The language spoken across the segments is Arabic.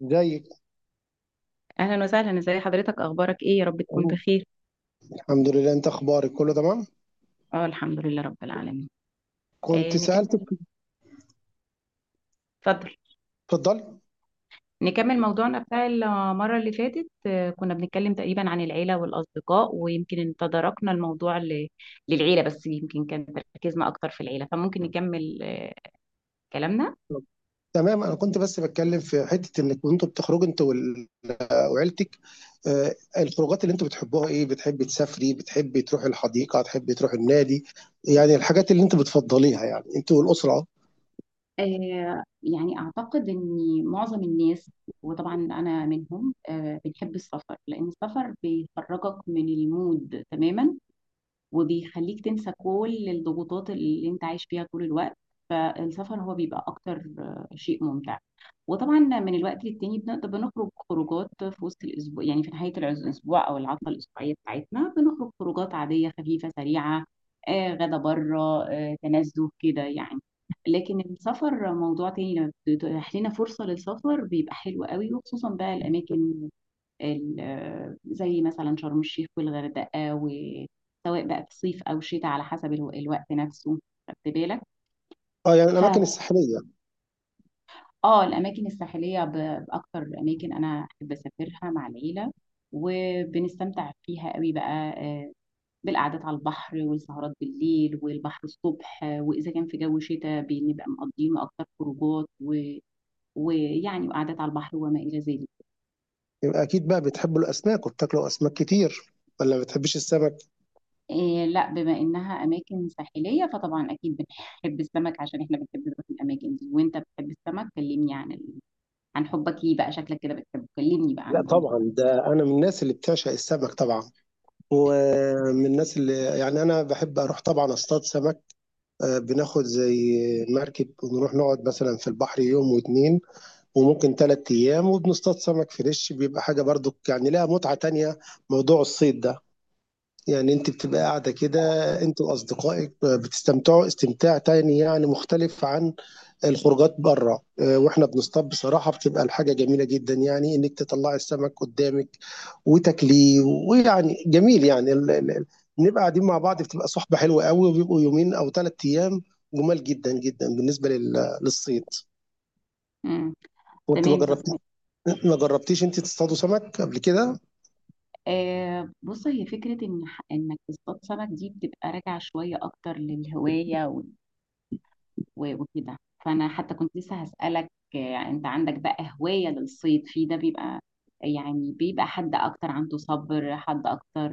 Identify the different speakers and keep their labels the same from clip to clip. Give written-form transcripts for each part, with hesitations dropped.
Speaker 1: زيك.
Speaker 2: اهلا وسهلا، ازي حضرتك، اخبارك ايه؟ يا رب تكون بخير.
Speaker 1: الحمد لله، انت اخبارك كله تمام.
Speaker 2: اه الحمد لله رب العالمين.
Speaker 1: كنت سألتك.
Speaker 2: نكمل. اتفضل.
Speaker 1: اتفضلي.
Speaker 2: نكمل موضوعنا بتاع المره اللي فاتت. كنا بنتكلم تقريبا عن العيله والاصدقاء، ويمكن إن تداركنا للعيله، بس يمكن كان تركيزنا اكتر في العيله، فممكن نكمل كلامنا.
Speaker 1: تمام، انا كنت بس بتكلم في حتة انك كنتوا بتخرجوا انت وعيلتك. الخروجات اللي انتوا بتحبوها ايه؟ بتحبي تسافري؟ بتحبي تروحي الحديقة؟ تحبي تروحي النادي؟ يعني الحاجات اللي انتوا بتفضليها، يعني انتوا والأسرة. اه.
Speaker 2: آه، يعني أعتقد إن معظم الناس، وطبعا أنا منهم، بنحب السفر، لأن السفر بيخرجك من المود تماما وبيخليك تنسى كل الضغوطات اللي انت عايش فيها طول الوقت. فالسفر هو بيبقى اكتر شيء ممتع. وطبعا من الوقت للتاني بنقدر بنخرج خروجات في وسط الاسبوع، يعني في نهايه الاسبوع او العطله الاسبوعيه بتاعتنا، بنخرج خروجات عاديه خفيفه سريعه، غدا بره، تنزه كده يعني. لكن السفر موضوع تاني، لما بتتيح لنا فرصه للسفر بيبقى حلو قوي، وخصوصا بقى الاماكن زي مثلا شرم الشيخ والغردقة، وسواء بقى في صيف أو شتاء على حسب الوقت نفسه. خدت بالك؟
Speaker 1: يعني
Speaker 2: ف
Speaker 1: الاماكن الساحلية.
Speaker 2: اه الأماكن الساحلية بأكتر أماكن أنا أحب أسافرها مع العيلة، وبنستمتع فيها قوي بقى، آه، بالقعدات على البحر والسهرات بالليل والبحر الصبح، وإذا كان في جو شتاء بنبقى مقضينه أكتر خروجات، ويعني وقعدات على البحر وما إلى ذلك.
Speaker 1: يبقى اكيد بقى بتحبوا الاسماك وبتاكلوا اسماك كتير، ولا ما بتحبيش السمك؟
Speaker 2: إيه لا، بما إنها أماكن ساحلية فطبعا أكيد بنحب السمك، عشان إحنا بنحب نروح الأماكن دي. وأنت بتحب السمك، كلمني عن حبك ليه بقى، شكلك كده بتحبه، كلمني بقى عن
Speaker 1: لا
Speaker 2: الموضوع
Speaker 1: طبعا،
Speaker 2: ده.
Speaker 1: ده انا من الناس اللي بتعشق السمك طبعا. ومن الناس اللي، يعني انا بحب اروح طبعا اصطاد سمك. بناخد زي مركب ونروح نقعد مثلا في البحر يوم واتنين، وممكن تلات أيام، وبنصطاد سمك فريش. بيبقى حاجة برضو يعني لها متعة تانية، موضوع الصيد ده. يعني انت بتبقى قاعدة كده انت وأصدقائك، بتستمتعوا استمتاع تاني يعني مختلف عن الخروجات بره. واحنا بنصطاد بصراحه بتبقى الحاجه جميله جدا، يعني انك تطلعي السمك قدامك وتاكليه. ويعني جميل يعني بنبقى قاعدين مع بعض، بتبقى صحبه حلوه قوي، وبيبقوا يومين او ثلاث ايام. جمال جدا جدا بالنسبه للصيد.
Speaker 2: امم،
Speaker 1: وانت ما
Speaker 2: تمام.
Speaker 1: جربتيش؟
Speaker 2: طب
Speaker 1: ما جربتيش انت تصطادوا سمك قبل كده؟
Speaker 2: بص، هي فكرة إن إنك تصطاد سمك دي بتبقى راجعة شوية أكتر للهواية وكده. فأنا حتى كنت لسه هسألك، أنت عندك بقى هواية للصيد؟ في ده بيبقى يعني بيبقى حد أكتر عنده صبر، حد أكتر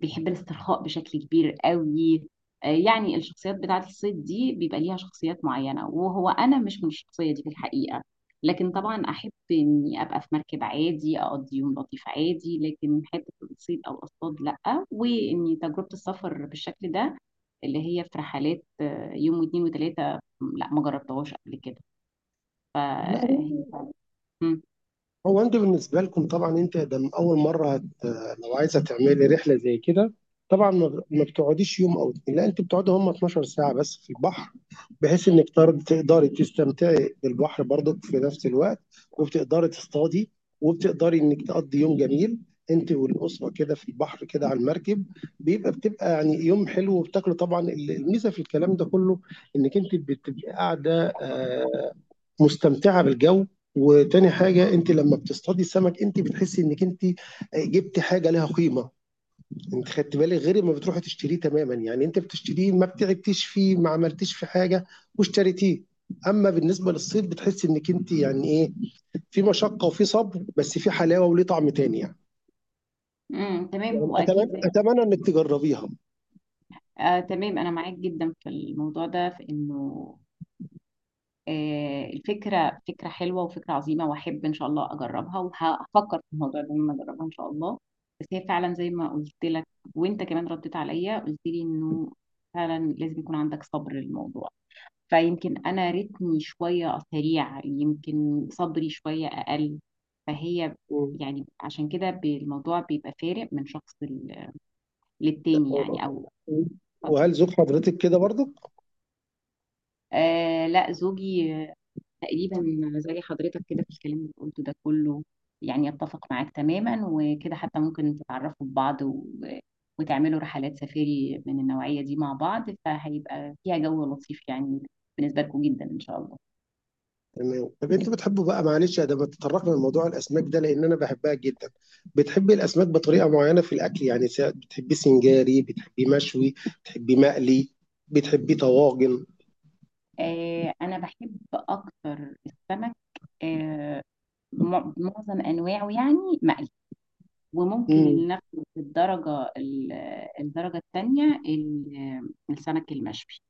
Speaker 2: بيحب الاسترخاء بشكل كبير قوي. يعني الشخصيات بتاعت الصيد دي بيبقى ليها شخصيات معينة، وهو أنا مش من الشخصية دي في الحقيقة. لكن طبعا أحب إني أبقى في مركب عادي أقضي يوم لطيف عادي، لكن حتة الصيد أو الأصطاد لأ. وإني تجربة السفر بالشكل ده اللي هي في رحلات يوم واتنين وتلاتة، لأ ما جربتهاش قبل كده.
Speaker 1: لا،
Speaker 2: فهي مم.
Speaker 1: هو انت بالنسبه لكم طبعا انت ده من اول مره هت... لو عايزه تعملي رحله زي كده، طبعا ما بتقعديش يوم او اتنين، لا انت بتقعدي هم 12 ساعه بس في البحر، بحيث انك تقدري تستمتعي بالبحر برضك في نفس الوقت، وبتقدري تصطادي، وبتقدري انك تقضي يوم جميل انت والاسره كده في البحر كده على المركب. بيبقى بتبقى يعني يوم حلو وبتاكلوا طبعا. الميزه في الكلام ده كله انك انت بتبقي قاعده، مستمتعه بالجو. وتاني حاجه، انت لما بتصطادي السمك انت بتحسي انك انت جبت حاجه لها قيمه. انت خدت بالك؟ غير ما بتروحي تشتريه تماما، يعني انت بتشتريه ما بتعبتيش فيه، ما عملتيش في حاجه واشتريتيه. اما بالنسبه للصيد بتحسي انك انت يعني ايه، في مشقه وفي صبر، بس في حلاوه وليه طعم تاني يعني.
Speaker 2: مم. تمام،
Speaker 1: يعني
Speaker 2: هو أكيد.
Speaker 1: اتمنى انك تجربيها.
Speaker 2: آه تمام، أنا معاك جدا في الموضوع ده، في إنه الفكرة فكرة حلوة وفكرة عظيمة، وأحب إن شاء الله أجربها، وهفكر في الموضوع ده لما أجربها إن شاء الله. بس هي فعلا زي ما قلت لك، وأنت كمان رديت عليا قلت لي إنه فعلا لازم يكون عندك صبر للموضوع. فيمكن أنا رتمي شوية سريع، يمكن صبري شوية أقل. فهي يعني عشان كده الموضوع بيبقى فارق من شخص للتاني يعني، أو
Speaker 1: وهل ذوق حضرتك كده برضو؟
Speaker 2: آه لا، زوجي تقريبا زي حضرتك كده في الكلام اللي قلته ده كله، يعني يتفق معاك تماما. وكده حتى ممكن تتعرفوا ببعض وتعملوا رحلات سفاري من النوعية دي مع بعض، فهيبقى فيها جو لطيف يعني بالنسبة لكم جدا إن شاء الله.
Speaker 1: تمام. طب انت بتحبه بقى، معلش يا ده ما تطرقنا لموضوع الاسماك ده لان انا بحبها جدا. بتحبي الاسماك بطريقه معينه في الاكل؟ يعني بتحبيه سنجاري؟ بتحبيه مشوي؟ بتحبيه مقلي؟ بتحبيه طواجن؟
Speaker 2: آه أنا بحب أكتر السمك، آه معظم أنواعه، يعني مقلي، وممكن اللي
Speaker 1: امم
Speaker 2: ناخده في الدرجة التانية السمك المشوي،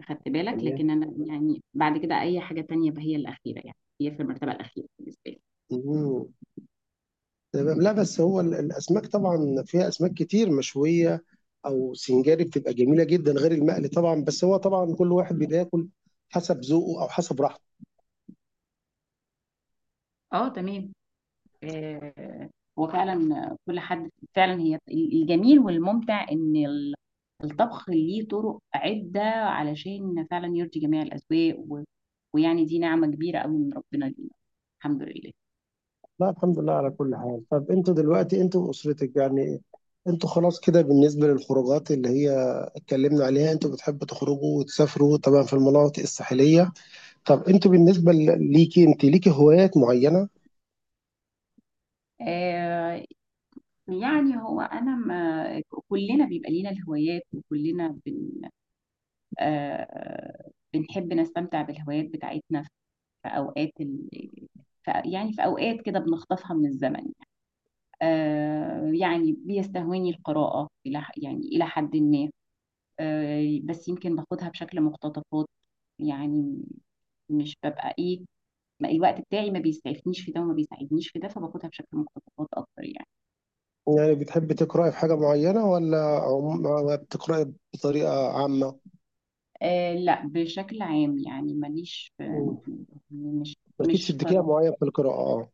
Speaker 2: أخدت بالك؟
Speaker 1: تمام.
Speaker 2: لكن أنا يعني بعد كده أي حاجة تانية بقى هي الأخيرة، يعني هي في المرتبة الأخيرة بالنسبة لي.
Speaker 1: امم تمام. لا بس هو الاسماك طبعا فيها اسماك كتير مشويه او سنجاري، بتبقى جميله جدا غير المقلي طبعا. بس هو طبعا كل واحد بياكل حسب ذوقه او حسب راحته.
Speaker 2: اه تمام. آه هو فعلا كل حد، فعلا هي الجميل والممتع إن الطبخ ليه طرق عدة، علشان فعلا يرضي جميع الأذواق، ويعني دي نعمة كبيرة قوي من ربنا لينا، الحمد لله.
Speaker 1: لا الحمد لله على كل حال. طب انتوا دلوقتي انتوا واسرتك، يعني انتوا خلاص كده بالنسبه للخروجات اللي هي اتكلمنا عليها، انتوا بتحبوا تخرجوا وتسافروا طبعا في المناطق الساحليه. طب انتوا بالنسبه ليكي انت، ليكي هوايات معينه؟
Speaker 2: آه يعني هو أنا ما كلنا بيبقى لينا الهوايات، آه بنحب نستمتع بالهوايات بتاعتنا في يعني في أوقات كده بنخطفها من الزمن. يعني بيستهويني القراءة إلى يعني إلى حد ما، آه بس يمكن باخدها بشكل مقتطفات، يعني مش ببقى إيه، ما الوقت بتاعي ما بيسعفنيش في ده وما بيساعدنيش في ده، فباخدها بشكل مقتطفات أكتر يعني.
Speaker 1: يعني بتحبي تقراي في حاجه معينه، ولا بتقراي بطريقه عامه؟
Speaker 2: آه لا، بشكل عام، يعني
Speaker 1: مم.
Speaker 2: مش
Speaker 1: مالكيش
Speaker 2: مش
Speaker 1: اتجاه
Speaker 2: قراءة،
Speaker 1: معين في القراءه اه.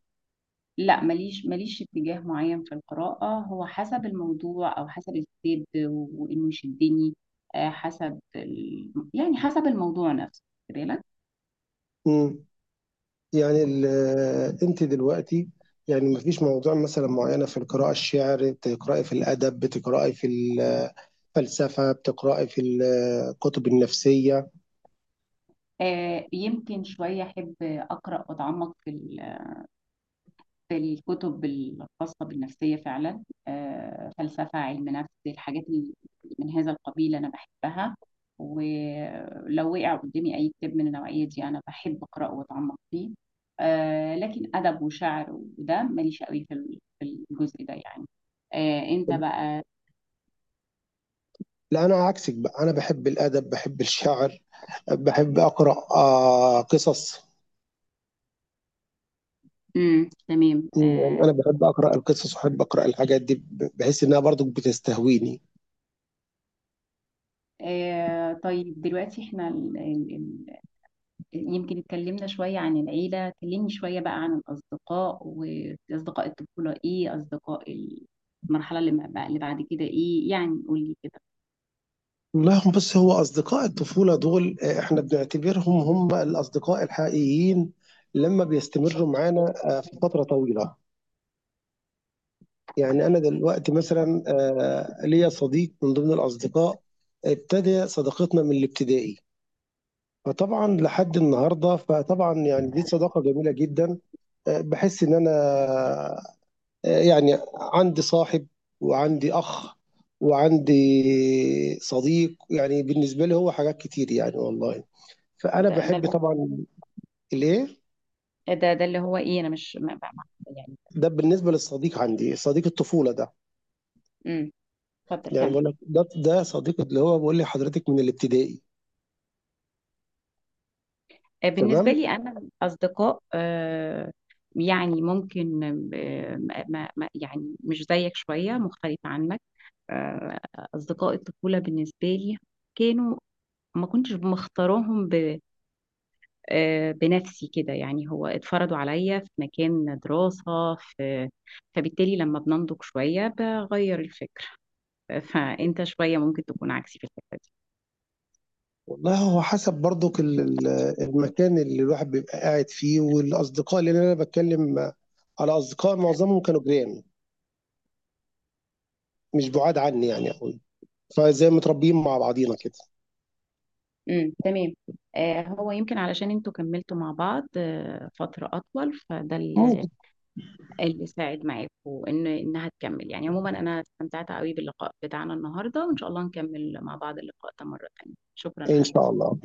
Speaker 2: لا ماليش، ماليش اتجاه معين في القراءة، هو حسب الموضوع أو حسب الكتاب وإنه يشدني، آه، يعني حسب الموضوع نفسه، خد بالك.
Speaker 1: مم. يعني انت دلوقتي، يعني مفيش موضوع مثلا معينه في القراءه؟ الشعر بتقراي في الادب؟ بتقراي في ال فلسفة بتقرأي في الكتب النفسية؟
Speaker 2: يمكن شوية أحب أقرأ وأتعمق في الكتب الخاصة بالنفسية فعلا، فلسفة، علم نفس، الحاجات اللي من هذا القبيل أنا بحبها، ولو وقع قدامي أي كتاب من النوعية دي أنا بحب أقرأه وأتعمق فيه. لكن أدب وشعر وده ماليش قوي في في الجزء ده يعني. أنت بقى؟
Speaker 1: لا أنا عكسك بقى، أنا بحب الأدب، بحب الشعر، بحب أقرأ قصص.
Speaker 2: مم. تمام.
Speaker 1: يعني أنا بحب أقرأ القصص وأحب أقرأ الحاجات دي، بحس إنها برضو بتستهويني.
Speaker 2: طيب دلوقتي احنا يمكن اتكلمنا شوية عن العيلة، كلمني شوية بقى عن الأصدقاء، وأصدقاء الطفولة إيه، أصدقاء المرحلة اللي ما بقى- اللي بعد كده إيه، يعني قولي كده.
Speaker 1: لا هم، بس هو أصدقاء الطفولة دول إحنا بنعتبرهم هم الأصدقاء الحقيقيين لما بيستمروا معانا في فترة طويلة. يعني أنا دلوقتي مثلا ليا صديق من ضمن الأصدقاء، ابتدى صداقتنا من الابتدائي، فطبعا لحد النهارده، فطبعا يعني دي صداقه جميله جدا. بحس ان انا يعني عندي صاحب، وعندي اخ، وعندي صديق، يعني بالنسبه لي هو حاجات كتير يعني والله. فانا
Speaker 2: ده ده
Speaker 1: بحب
Speaker 2: اللي-
Speaker 1: طبعا الايه.
Speaker 2: ده اللي هو ايه، انا مش يعني
Speaker 1: ده بالنسبه للصديق، عندي صديق الطفوله ده.
Speaker 2: امم، اتفضل
Speaker 1: يعني
Speaker 2: كمل.
Speaker 1: بقول لك ده صديق اللي هو بيقول لي حضرتك من الابتدائي.
Speaker 2: بالنسبه
Speaker 1: تمام.
Speaker 2: لي انا اصدقاء، يعني ممكن، يعني مش زيك، شويه مختلفه عنك. آه، اصدقاء الطفوله بالنسبه لي كانوا ما كنتش مختاراهم بنفسي كده، يعني هو اتفرضوا عليا في مكان دراسة في، فبالتالي لما بننضج شوية بغير الفكر، فأنت شوية ممكن تكون عكسي في الحتة دي.
Speaker 1: والله هو حسب برضو المكان اللي الواحد بيبقى قاعد فيه، والاصدقاء اللي انا بتكلم على أصدقاء، معظمهم كانوا جيران، مش بُعاد عني يعني أوي، فزي متربيين مع بعضينا كده.
Speaker 2: امم، تمام. هو يمكن علشان انتوا كملتوا مع بعض فترة أطول، فده اللي
Speaker 1: ممكن
Speaker 2: اللي ساعد معاكوا إن إنها تكمل يعني. عموما أنا استمتعت قوي باللقاء بتاعنا النهاردة، وإن شاء الله نكمل مع بعض اللقاء ده مرة تانية. شكرا
Speaker 1: إن شاء
Speaker 2: لحضرتك.
Speaker 1: الله.